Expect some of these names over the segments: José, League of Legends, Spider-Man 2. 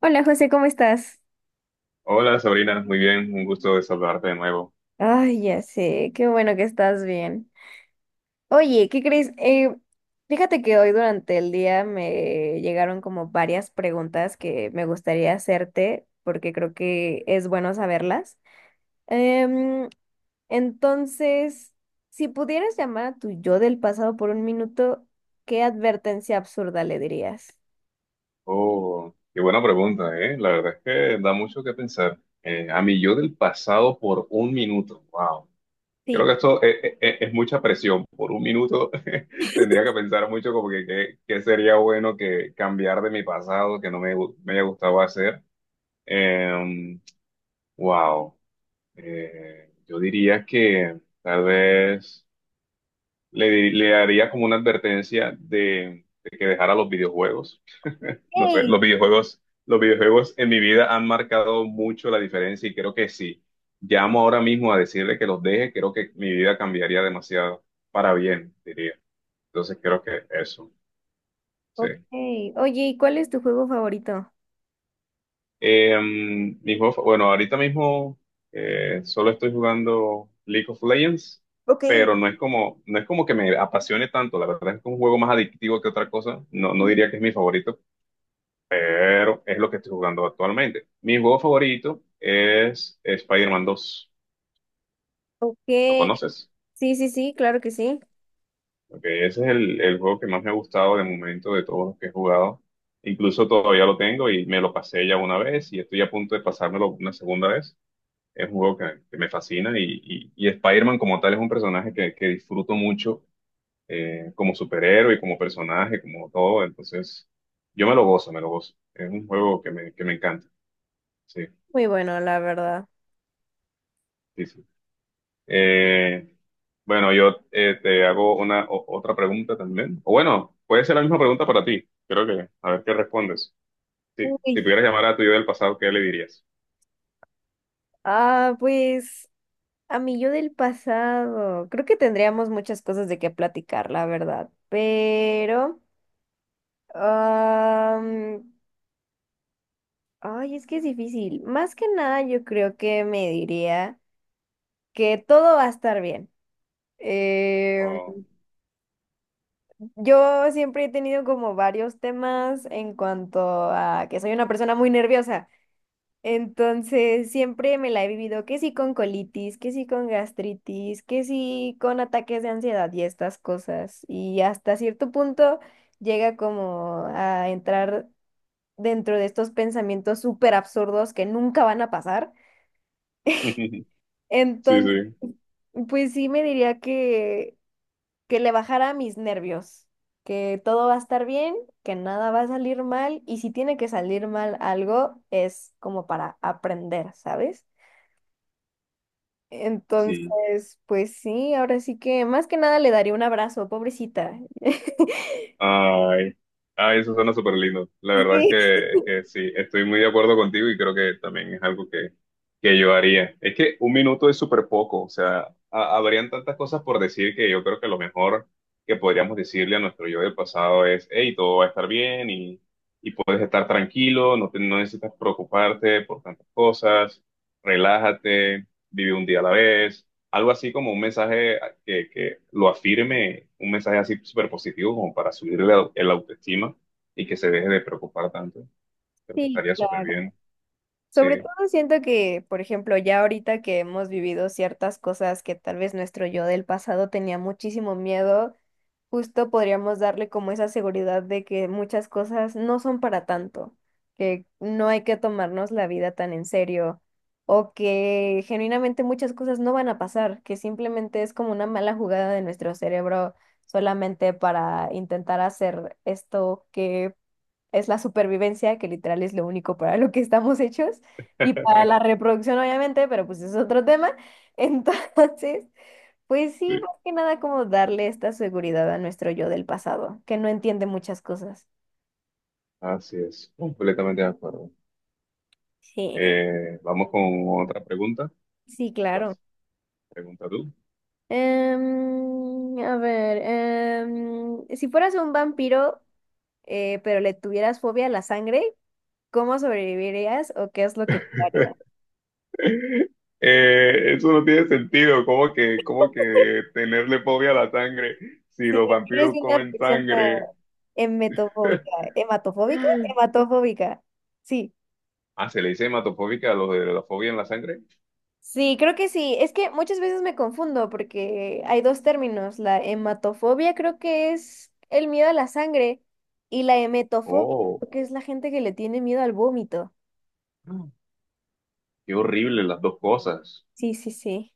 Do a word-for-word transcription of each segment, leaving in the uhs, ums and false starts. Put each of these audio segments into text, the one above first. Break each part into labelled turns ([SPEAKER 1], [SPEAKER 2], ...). [SPEAKER 1] Hola José, ¿cómo estás?
[SPEAKER 2] Hola Sabrina, muy bien, un gusto de saludarte de nuevo.
[SPEAKER 1] Ay, ya sé, qué bueno que estás bien. Oye, ¿qué crees? Eh, fíjate que hoy durante el día me llegaron como varias preguntas que me gustaría hacerte porque creo que es bueno saberlas. Em, entonces, si pudieras llamar a tu yo del pasado por un minuto, ¿qué advertencia absurda le dirías?
[SPEAKER 2] Oh, qué buena pregunta, ¿eh? La verdad es que da mucho que pensar. Eh, a mí yo del pasado por un minuto, wow. Creo que
[SPEAKER 1] Sí.
[SPEAKER 2] esto eh, eh, eh, es, mucha presión. Por un minuto tendría que pensar mucho como que qué qué sería bueno que cambiar de mi pasado que no me, gu- me haya gustado hacer. Em, wow. Eh, yo diría que tal vez le, di- le haría como una advertencia de de que dejara los videojuegos. No sé,
[SPEAKER 1] Hey,
[SPEAKER 2] los videojuegos, los videojuegos en mi vida han marcado mucho la diferencia y creo que si llamo ahora mismo a decirle que los deje, creo que mi vida cambiaría demasiado para bien, diría. Entonces creo que eso,
[SPEAKER 1] ok.
[SPEAKER 2] sí.
[SPEAKER 1] Oye, ¿y cuál es tu juego favorito?
[SPEAKER 2] Eh, mi juego fa- bueno, ahorita mismo eh, solo estoy jugando League of Legends,
[SPEAKER 1] Ok.
[SPEAKER 2] pero no es como, no es como que me apasione tanto, la verdad es que es un juego más adictivo que otra cosa, no, no diría que es mi favorito, pero es lo que estoy jugando actualmente. Mi juego favorito es Spider-Man dos.
[SPEAKER 1] Ok.
[SPEAKER 2] ¿Lo conoces?
[SPEAKER 1] Sí, sí, sí, claro que sí.
[SPEAKER 2] Porque ese es el, el juego que más me ha gustado de momento de todos los que he jugado. Incluso todavía lo tengo y me lo pasé ya una vez y estoy a punto de pasármelo una segunda vez. Es un juego que, que me fascina y, y, y Spider-Man como tal es un personaje que, que disfruto mucho eh, como superhéroe y como personaje, como todo. Entonces, yo me lo gozo, me lo gozo. Es un juego que me, que me encanta. Sí,
[SPEAKER 1] Muy bueno, la verdad.
[SPEAKER 2] sí, sí. Eh, bueno, yo eh, te hago una o- otra pregunta también. O bueno, puede ser la misma pregunta para ti. Creo que, a ver qué respondes. Sí, si
[SPEAKER 1] Uy,
[SPEAKER 2] pudieras llamar a tu yo del pasado, ¿qué le dirías?
[SPEAKER 1] ah, pues a mí yo del pasado. Creo que tendríamos muchas cosas de qué platicar, la verdad. Pero, am, ay, es que es difícil. Más que nada, yo creo que me diría que todo va a estar bien. Eh,
[SPEAKER 2] Oh.
[SPEAKER 1] yo siempre he tenido como varios temas en cuanto a que soy una persona muy nerviosa. Entonces, siempre me la he vivido que sí con colitis, que sí con gastritis, que sí con ataques de ansiedad y estas cosas. Y hasta cierto punto llega como a entrar dentro de estos pensamientos súper absurdos que nunca van a pasar.
[SPEAKER 2] Sí,
[SPEAKER 1] Entonces,
[SPEAKER 2] sí.
[SPEAKER 1] pues sí me diría que, que le bajara a mis nervios, que todo va a estar bien, que nada va a salir mal y si tiene que salir mal algo es como para aprender, ¿sabes?
[SPEAKER 2] Sí,
[SPEAKER 1] Entonces, pues sí, ahora sí que más que nada le daría un abrazo, pobrecita.
[SPEAKER 2] ay, ay, eso suena súper lindo. La verdad es
[SPEAKER 1] Sí.
[SPEAKER 2] que, es que sí, estoy muy de acuerdo contigo y creo que también es algo que, que yo haría. Es que un minuto es súper poco, o sea, ha- habrían tantas cosas por decir que yo creo que lo mejor que podríamos decirle a nuestro yo del pasado es, hey, todo va a estar bien y, y puedes estar tranquilo, no, te- no necesitas preocuparte por tantas cosas, relájate, vive un día a la vez, algo así como un mensaje que, que lo afirme, un mensaje así súper positivo como para subirle la- el autoestima y que se deje de preocupar tanto. Creo que
[SPEAKER 1] Sí,
[SPEAKER 2] estaría súper
[SPEAKER 1] claro.
[SPEAKER 2] bien. Sí,
[SPEAKER 1] Sobre todo siento que, por ejemplo, ya ahorita que hemos vivido ciertas cosas que tal vez nuestro yo del pasado tenía muchísimo miedo, justo podríamos darle como esa seguridad de que muchas cosas no son para tanto, que no hay que tomarnos la vida tan en serio o que genuinamente muchas cosas no van a pasar, que simplemente es como una mala jugada de nuestro cerebro solamente para intentar hacer esto que es la supervivencia, que literal es lo único para lo que estamos hechos y para la reproducción obviamente, pero pues es otro tema. Entonces... Pues sí,
[SPEAKER 2] sí,
[SPEAKER 1] más que nada como darle esta seguridad a nuestro yo del pasado, que no entiende muchas cosas.
[SPEAKER 2] así es, completamente de acuerdo.
[SPEAKER 1] Sí.
[SPEAKER 2] Eh, vamos con otra pregunta.
[SPEAKER 1] Sí, claro.
[SPEAKER 2] Vas, pregunta tú.
[SPEAKER 1] Em, a ver, em, si fueras un vampiro, eh, pero le tuvieras fobia a la sangre, ¿cómo sobrevivirías o qué es lo que te haría?
[SPEAKER 2] Eh, eso no tiene sentido, como que, como que tenerle fobia a la sangre si
[SPEAKER 1] Si
[SPEAKER 2] los
[SPEAKER 1] eres
[SPEAKER 2] vampiros
[SPEAKER 1] una
[SPEAKER 2] comen
[SPEAKER 1] persona
[SPEAKER 2] sangre.
[SPEAKER 1] hematofóbica, hematofóbica, hematofóbica, sí.
[SPEAKER 2] Ah, se le dice hematofóbica a los de la fobia en la sangre.
[SPEAKER 1] Sí, creo que sí. Es que muchas veces me confundo porque hay dos términos. La hematofobia creo que es el miedo a la sangre y la emetofobia
[SPEAKER 2] Oh.
[SPEAKER 1] creo que es la gente que le tiene miedo al vómito.
[SPEAKER 2] Ah. Qué horrible las dos cosas.
[SPEAKER 1] Sí, sí, sí.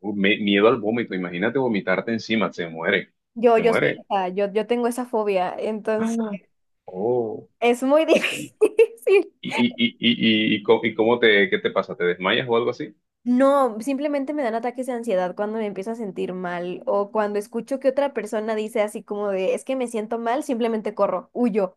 [SPEAKER 2] Uh, me- miedo al vómito. Imagínate vomitarte encima. Se muere.
[SPEAKER 1] Yo,
[SPEAKER 2] Se
[SPEAKER 1] yo soy
[SPEAKER 2] muere.
[SPEAKER 1] esa, yo, yo tengo esa fobia, entonces
[SPEAKER 2] Ah. Oh.
[SPEAKER 1] es muy
[SPEAKER 2] ¿Y, y,
[SPEAKER 1] difícil.
[SPEAKER 2] y, y, y, y, co- y cómo te, qué te pasa? ¿Te desmayas o algo así?
[SPEAKER 1] No, simplemente me dan ataques de ansiedad cuando me empiezo a sentir mal o cuando escucho que otra persona dice así como de, es que me siento mal, simplemente corro, huyo.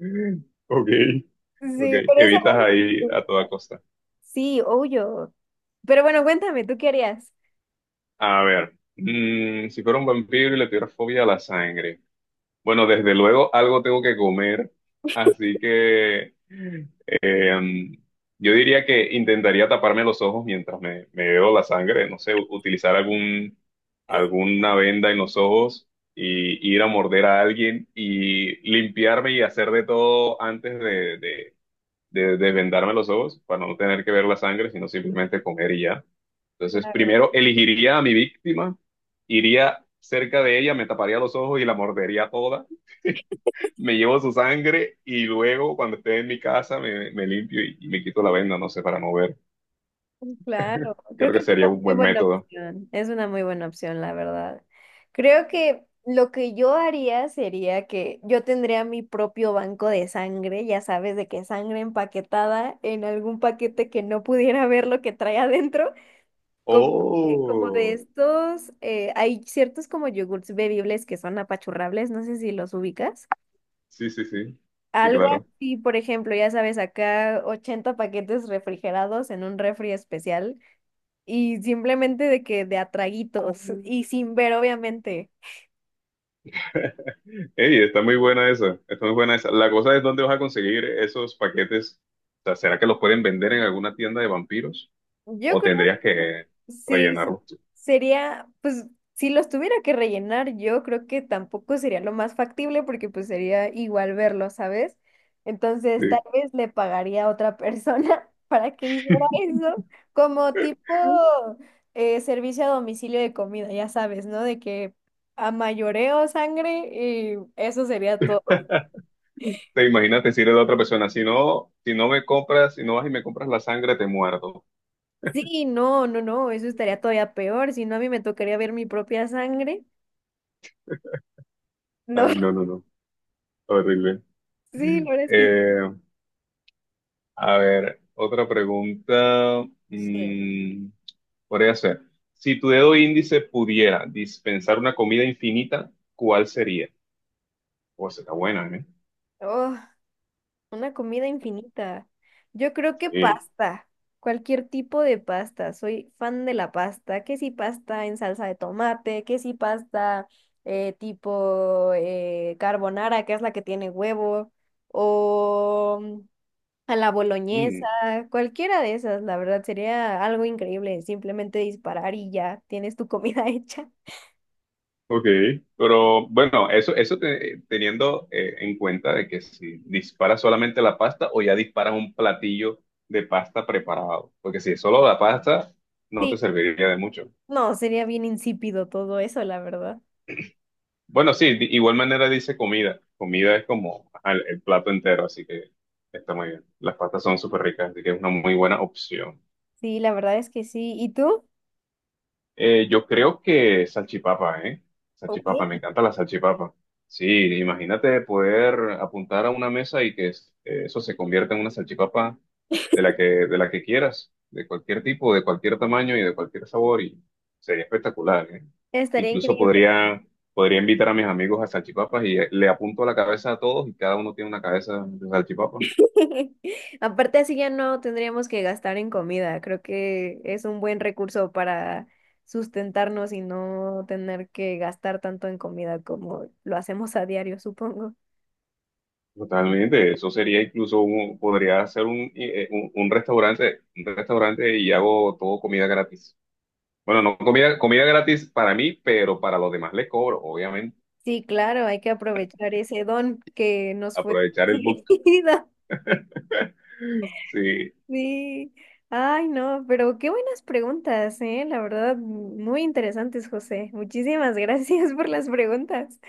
[SPEAKER 2] Mm. Ok, ok.
[SPEAKER 1] Sí, por esa
[SPEAKER 2] Evitas ahí
[SPEAKER 1] razón.
[SPEAKER 2] a toda costa.
[SPEAKER 1] Sí, obvio. Pero bueno, cuéntame, ¿tú qué harías?
[SPEAKER 2] A ver. Mm, si fuera un vampiro y le tuviera fobia a la sangre. Bueno, desde luego algo tengo que comer, así que eh, yo diría que intentaría taparme los ojos mientras me, me veo la sangre, no sé, u- utilizar algún, alguna venda en los ojos y ir a morder a alguien y limpiarme y hacer de todo antes de, de, de desvendarme los ojos para no tener que ver la sangre, sino simplemente comer y ya. Entonces,
[SPEAKER 1] Claro,
[SPEAKER 2] primero elegiría a mi víctima, iría cerca de ella, me taparía los ojos y la mordería toda, me llevo su sangre y luego cuando esté en mi casa me, me limpio y, y me quito la venda, no sé, para no ver.
[SPEAKER 1] claro. Creo
[SPEAKER 2] Creo
[SPEAKER 1] que
[SPEAKER 2] que
[SPEAKER 1] es una
[SPEAKER 2] sería un
[SPEAKER 1] muy
[SPEAKER 2] buen
[SPEAKER 1] buena
[SPEAKER 2] método.
[SPEAKER 1] opción. Es una muy buena opción, la verdad. Creo que lo que yo haría sería que yo tendría mi propio banco de sangre, ya sabes, de que sangre empaquetada en algún paquete que no pudiera ver lo que trae adentro, como, eh, como de
[SPEAKER 2] Oh,
[SPEAKER 1] estos, eh, hay ciertos como yogurts bebibles que son apachurrables, no sé si los ubicas.
[SPEAKER 2] sí, sí, sí. Sí,
[SPEAKER 1] Algo
[SPEAKER 2] claro.
[SPEAKER 1] así, por ejemplo, ya sabes, acá ochenta paquetes refrigerados en un refri especial y simplemente de que de atraguitos y sin ver, obviamente.
[SPEAKER 2] Ey, está muy buena esa, está muy buena esa. La cosa es dónde vas a conseguir esos paquetes. O sea, ¿será que los pueden vender en alguna tienda de vampiros?
[SPEAKER 1] Yo
[SPEAKER 2] ¿O
[SPEAKER 1] creo.
[SPEAKER 2] tendrías que
[SPEAKER 1] Sí, sí,
[SPEAKER 2] rellenarlos tú?
[SPEAKER 1] sería, pues, si los tuviera que rellenar, yo creo que tampoco sería lo más factible porque pues sería igual verlo, ¿sabes? Entonces, tal
[SPEAKER 2] Sí.
[SPEAKER 1] vez le pagaría a otra persona para que hiciera eso, como tipo eh, servicio a domicilio de comida, ya sabes, ¿no? De que a mayoreo sangre y eso sería todo.
[SPEAKER 2] Te imaginas decirle a la otra persona, si no, si no me compras, si no vas y me compras la sangre, te muerdo.
[SPEAKER 1] Sí, no, no, no, eso estaría todavía peor, si no a mí me tocaría ver mi propia sangre. No,
[SPEAKER 2] Ay, no, no, no. Horrible.
[SPEAKER 1] sí, la verdad es que
[SPEAKER 2] Eh, A ver, otra pregunta,
[SPEAKER 1] sí.
[SPEAKER 2] mm, podría ser, si tu dedo índice pudiera dispensar una comida infinita, ¿cuál sería? Pues está buena, ¿eh?
[SPEAKER 1] Oh. Una comida infinita. Yo creo que
[SPEAKER 2] Sí.
[SPEAKER 1] pasta. Cualquier tipo de pasta. Soy fan de la pasta. Que si pasta en salsa de tomate, que si pasta eh, tipo eh, carbonara, que es la que tiene huevo, o mm, a la boloñesa.
[SPEAKER 2] Mm,
[SPEAKER 1] Cualquiera de esas, la verdad, sería algo increíble. Simplemente disparar y ya tienes tu comida hecha.
[SPEAKER 2] ok, pero bueno, eso, eso te- teniendo eh, en cuenta de que si disparas solamente la pasta o ya disparas un platillo de pasta preparado, porque si es solo la pasta, no te
[SPEAKER 1] Sí,
[SPEAKER 2] serviría de mucho.
[SPEAKER 1] no, sería bien insípido todo eso, la verdad.
[SPEAKER 2] Bueno, sí, de igual manera dice comida. Comida es como ajá, el, el plato entero, así que está muy bien. Las pastas son súper ricas, así que es una muy buena opción.
[SPEAKER 1] Sí, la verdad es que sí. ¿Y tú?
[SPEAKER 2] Eh, yo creo que salchipapa, ¿eh?
[SPEAKER 1] Ok,
[SPEAKER 2] Salchipapa, me encanta la salchipapa. Sí, imagínate poder apuntar a una mesa y que es- eh, eso se convierta en una salchipapa de la que, de la que quieras, de cualquier tipo, de cualquier tamaño y de cualquier sabor, y sería espectacular, ¿eh?
[SPEAKER 1] estaría
[SPEAKER 2] Incluso
[SPEAKER 1] increíble.
[SPEAKER 2] podría, podría invitar a mis amigos a salchipapas y eh, le apunto a la cabeza a todos y cada uno tiene una cabeza de salchipapa.
[SPEAKER 1] Aparte así ya no tendríamos que gastar en comida. Creo que es un buen recurso para sustentarnos y no tener que gastar tanto en comida como lo hacemos a diario, supongo.
[SPEAKER 2] Totalmente, eso sería incluso un, podría ser un, eh, eh, un, un restaurante, un restaurante y hago todo comida gratis. Bueno, no comida, comida gratis para mí, pero para los demás les cobro, obviamente.
[SPEAKER 1] Sí, claro, hay que aprovechar ese don que nos fue
[SPEAKER 2] Aprovechar el book.
[SPEAKER 1] concedido.
[SPEAKER 2] Sí,
[SPEAKER 1] Sí. Ay, no, pero qué buenas preguntas, ¿eh? La verdad, muy interesantes, José. Muchísimas gracias por las preguntas.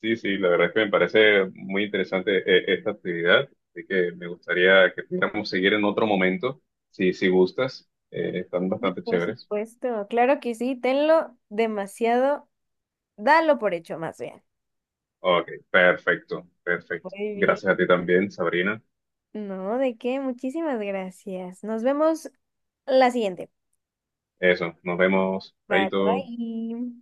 [SPEAKER 2] sí, sí, la verdad es que me parece muy interesante eh, esta actividad, así que me gustaría que pudiéramos seguir en otro momento, si, si gustas. Eh, están
[SPEAKER 1] Sí,
[SPEAKER 2] bastante
[SPEAKER 1] por
[SPEAKER 2] chéveres.
[SPEAKER 1] supuesto, claro que sí, tenlo demasiado. Dalo por hecho, más bien.
[SPEAKER 2] Ok, perfecto, perfecto.
[SPEAKER 1] Muy
[SPEAKER 2] Gracias a
[SPEAKER 1] bien.
[SPEAKER 2] ti también, Sabrina.
[SPEAKER 1] No, ¿de qué? Muchísimas gracias. Nos vemos la siguiente.
[SPEAKER 2] Eso, nos vemos.
[SPEAKER 1] Bye,
[SPEAKER 2] Chaito.
[SPEAKER 1] bye.